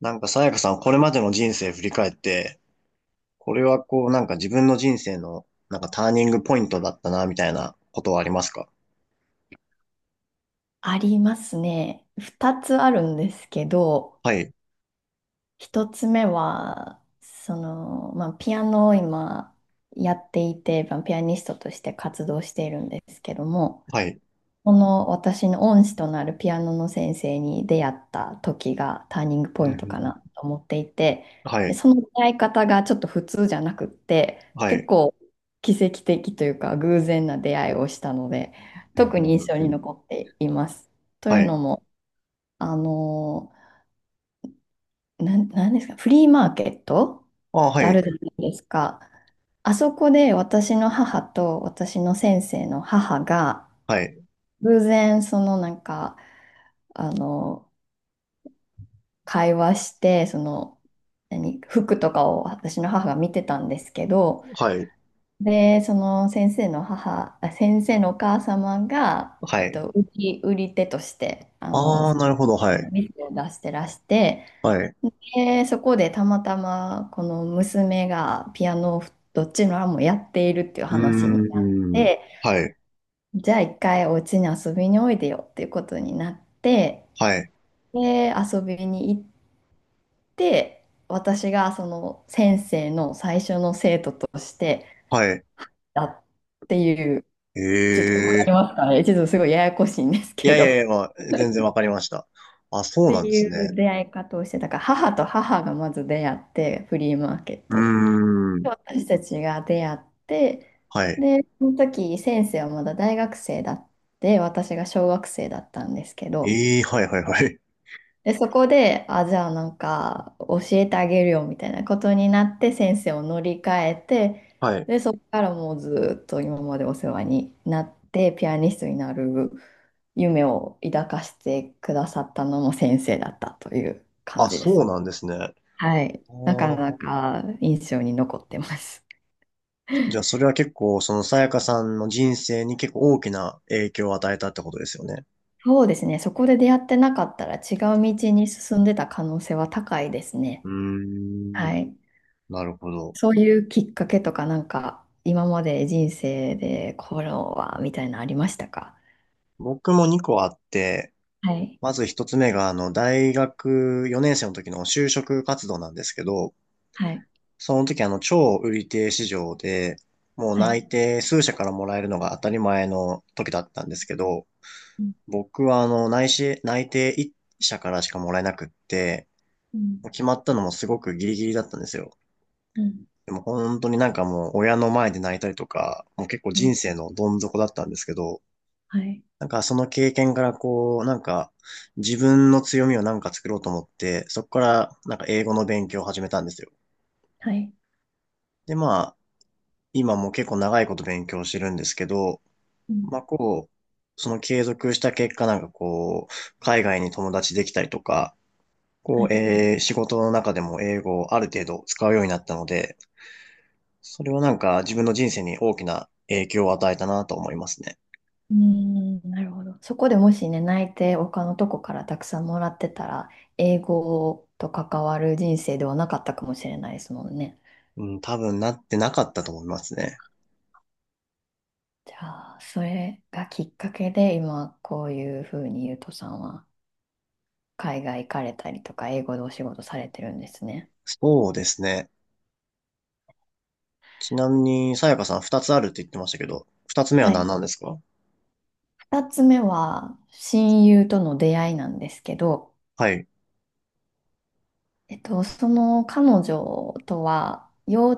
なんか、さやかさん、これまでの人生振り返って、これはこう、なんか自分の人生の、なんかターニングポイントだったな、みたいなことはありますか？ありますね。二つあるんですけど、はい、一つ目は、ピアノを今やっていて、まあピアニストとして活動しているんですけども、はい、この私の恩師となるピアノの先生に出会った時がターニングポイントかなと思っていて、はでい、その出会い方がちょっと普通じゃなくって、は結い、構奇跡的というか偶然な出会いをしたので、特に印象に残っています。といはうのい。も、あの、なんですか、フリーマーケットあ、っはてあい、るじゃないですか。あそこで私の母と私の先生の母が、はい、偶然あの、会話して、服とかを私の母が見てたんですけど、はい、で、先生のお母様が、はい。売り手として、ああ、なるほど、はあのい、店を出してらして、はい、で、そこでたまたまこの娘がピアノをどっちの案もやっているっていうう話にーなっん、て、はい、じゃあ一回お家に遊びにおいでよっていうことになって、はい、で、遊びに行って、私がその先生の最初の生徒としてはい。だっていう、ちょっとわえかりますえ。かね、ちょっとすごいややこしいんですいけやいど。やいっや、まあ、全然わかりました。あ、そうてなんでいすうね。出会い方をして、だから母と母がまず出会って、フリーマーケッうートで。ん、私たちが出会って、はい。で、その時先生はまだ大学生だって、私が小学生だったんですけど、ええ、はい、はい、はい。で、そこで、あ、じゃあなんか教えてあげるよみたいなことになって先生を乗り換えて、はい。で、そこからもうずっと今までお世話になって、ピアニストになる夢を抱かしてくださったのも先生だったという感あ、じですそうね。なんですね。はい。あなかー。なか印象に残ってます。じゃあ、それは結構、そのさやかさんの人生に結構大きな影響を与えたってことですよね。そうですね。そこで出会ってなかったら違う道に進んでた可能性は高いですね。うーん、はい。なるほど。そういうきっかけとかなんか今まで人生でこれはみたいなのありましたか？僕も2個あって、はい。まず1つ目が、大学4年生の時の就職活動なんですけど、はい。その時、超売り手市場で、もうはい。内定数社からもらえるのが当たり前の時だったんですけど、うん。僕は、内定1社からしかもらえなくって、うん。決まったのもすごくギリギリだったんですよ。うんでも本当になんかもう親の前で泣いたりとか、もう結構うん。人生のどん底だったんですけど、はい。なんかその経験からこう、なんか自分の強みをなんか作ろうと思って、そこからなんか英語の勉強を始めたんですよ。はい。でまあ、今も結構長いこと勉強してるんですけど、うん。まあこう、その継続した結果なんかこう、海外に友達できたりとか、はこう、い。仕事の中でも英語をある程度使うようになったので、それはなんか自分の人生に大きな影響を与えたなと思いますね。うーん。なるほど。そこでもしね、泣いて他のとこからたくさんもらってたら、英語と関わる人生ではなかったかもしれないですもんね。うん、多分なってなかったと思いますね。じゃあ、それがきっかけで、今、こういうふうにゆうとさんは、海外行かれたりとか、英語でお仕事されてるんですね。そうですね。ちなみに、さやかさん二つあるって言ってましたけど、二つ目はは何い。なんですか？二つ目は、親友との出会いなんですけど、はい、その彼女とは、幼、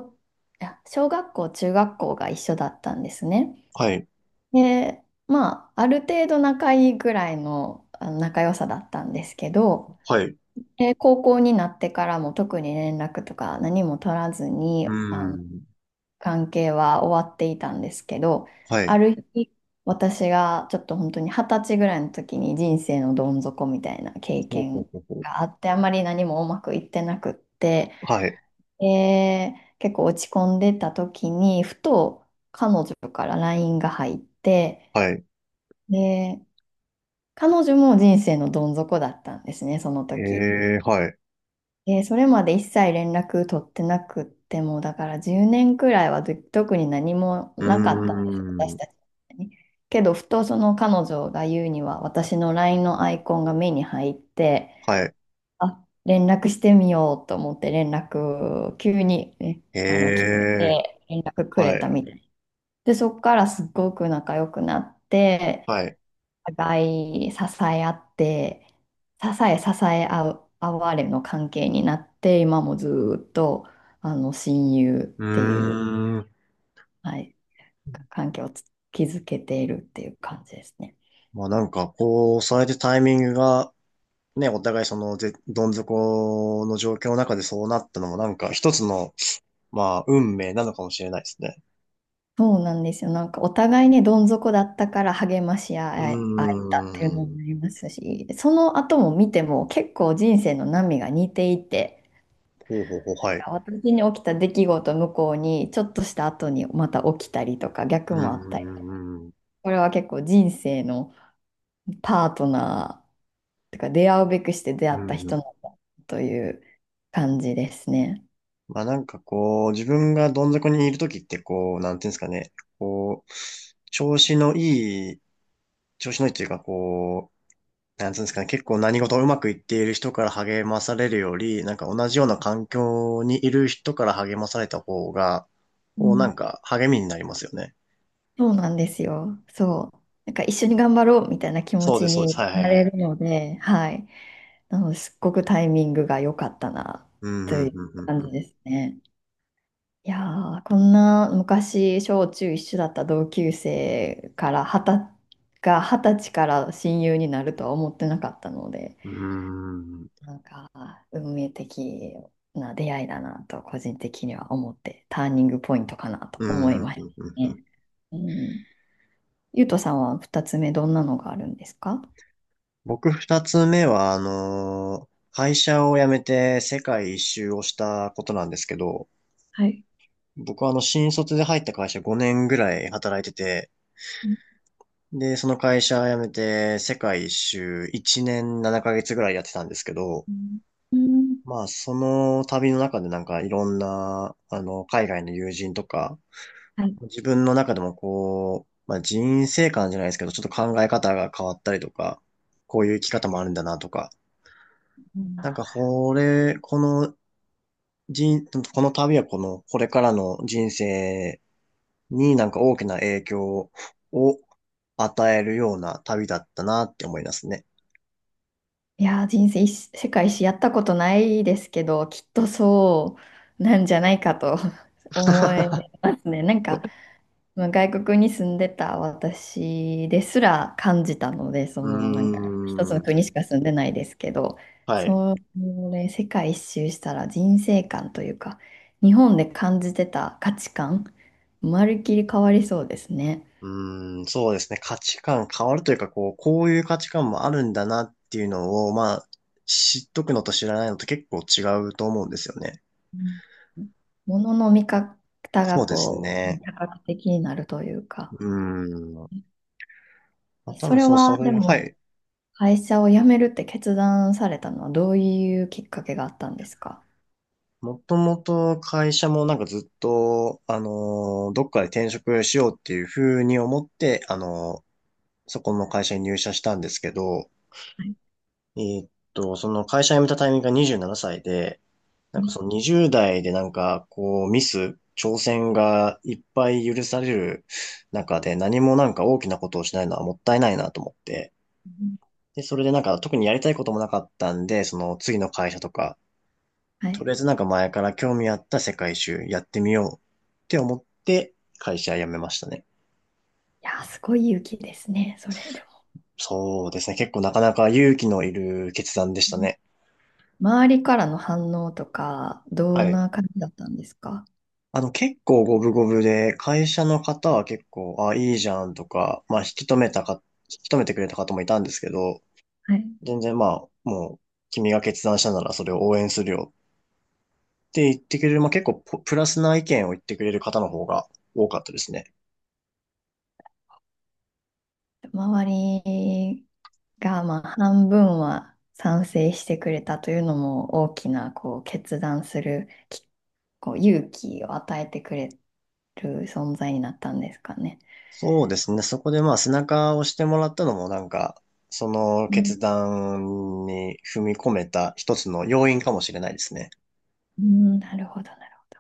いや小学校、中学校が一緒だったんですね。はい、で、まあ、ある程度仲いいぐらいの、あの仲良さだったんですけど、はい。うで、高校になってからも特に連絡とか何も取らずーに、あのん、関係は終わっていたんですけど、はあい。る日、私がちょっと本当に二十歳ぐらいの時に人生のどん底みたいなほ経うほ験うほうほう。があって、あまり何もうまくいってなくって、はい、で結構落ち込んでた時に、ふと彼女からラインが入って、はい。で、彼女も人生のどん底だったんですね、そのえ時。え、はい。それまで一切連絡取ってなくっても、だから10年くらいはず特に何もうーなかったんですよ、私ん、たちに。けど、ふとその彼女が言うには、私の LINE のアイコンが目に入って、はい。あ、連絡してみようと思って連絡、急に、ね、え来てえ、連絡くれはたい、みたい。で、そこからすっごく仲良くなって、はい。お互い支え合って、支え支え合う、合われの関係になって、今もずーっと、親友っうていう、ーん。はい、関係を築けているっていう感じですね。まあなんか、こう、それでタイミングがね、お互いその、どん底の状況の中でそうなったのもなんか一つの、まあ、運命なのかもしれないですね。そうなんですよ。なんかお互いね、どん底だったから励ましう合え、合えたっていうのーん。もありますし、その後も見ても結構人生の波が似ていて、ほうほうほう、はい。なんか私に起きた出来事向こうにちょっとした後にまた起きたりとか逆うーもあったり、ん。うんこれは結構人生のパートナー、てか出会うべくして出会うったんう人ん。なんだという感じですね。まあなんかこう、自分がどん底にいるときってこう、なんていうんですかね。こう、調子のいい、調子のいいっていうかこう、なんつうんですかね、結構何事もうまくいっている人から励まされるより、なんか同じような環境にいる人から励まされた方が、うこうなんん。か励みになりますよね。そうなんですよ。そう。なんか一緒に頑張ろうみたいな気持そうでちす、そうにです。はいなはいれはい。るので、はい。なので、すっごくタイミングが良かったなうん、うといん、ううん、感うじん、ですね。いやー、こんな昔、小中一緒だった同級生から二十歳から親友になるとは思ってなかったので。うん。うーん、なんか、運命的な出会いだなと、個人的には思って、ターニングポイントかなとう思ん、いうん、ましうん、うたんうんうんうんうんうんうんうんうんうんうん。ね。うん。ゆうとさんは2つ目、どんなのがあるんですか？僕二つ目は、会社を辞めて世界一周をしたことなんですけど、はい。僕は新卒で入った会社5年ぐらい働いてて、うんで、その会社辞めて、世界一周1年7ヶ月ぐらいやってたんですけど、うん。まあ、その旅の中でなんかいろんな、海外の友人とか、はい。自分の中でもこう、まあ、人生観じゃないですけど、ちょっと考え方が変わったりとか、こういう生き方もあるんだなとか、うん。なんか、人、この旅はこれからの人生になんか大きな影響を与えるような旅だったなって思いますね。いやー、人生一、世界史やったことないですけど、きっとそうなんじゃないかと 思いますね。なんか、まあ外国に住んでた私ですら感じたので、うー一つのん。国しか住んでないですけど、はい。それ世界一周したら人生観というか、日本で感じてた価値観、まるっきり変わりそうですね。うーん、そうですね。価値観変わるというか、こう、こういう価値観もあるんだなっていうのを、まあ、知っとくのと知らないのと結構違うと思うんですよね。うん。物の見方がそうですこう、ね、ね。多角的になるというか、うーん。まあ、多そ分れそう、そはでれ、はもい。会社を辞めるって決断されたのはどういうきっかけがあったんですか？もともと会社もなんかずっと、どっかで転職しようっていうふうに思って、そこの会社に入社したんですけど、はい。その会社辞めたタイミングが27歳で、うなんかんその20代でなんかこう挑戦がいっぱい許される中で何もなんか大きなことをしないのはもったいないなと思って。うん。で、それでなんか特にやりたいこともなかったんで、その次の会社とか、はとい。りあえずなんか前から興味あった世界一周やってみようって思って会社辞めましたね。いやー、すごい勇気ですね、それでも。そうですね。結構なかなか勇気のいる決断でしうたん。ね。周りからの反応とか、どはんい。な感じだったんですか？結構五分五分で、会社の方は結構、あ、いいじゃんとか、まあ、引き止めてくれた方もいたんですけど、はい。全然まあ、もう、君が決断したならそれを応援するよって言ってくれる、まあ結構ポプラスな意見を言ってくれる方の方が多かったですね。周りが、まあ、半分は賛成してくれたというのも大きな、こう、決断するき、こう、勇気を与えてくれる存在になったんですかね。そうですね。そこでまあ背中を押してもらったのもなんか、そのうん、決断に踏み込めた一つの要因かもしれないですね。うん、なるほど、なるほど。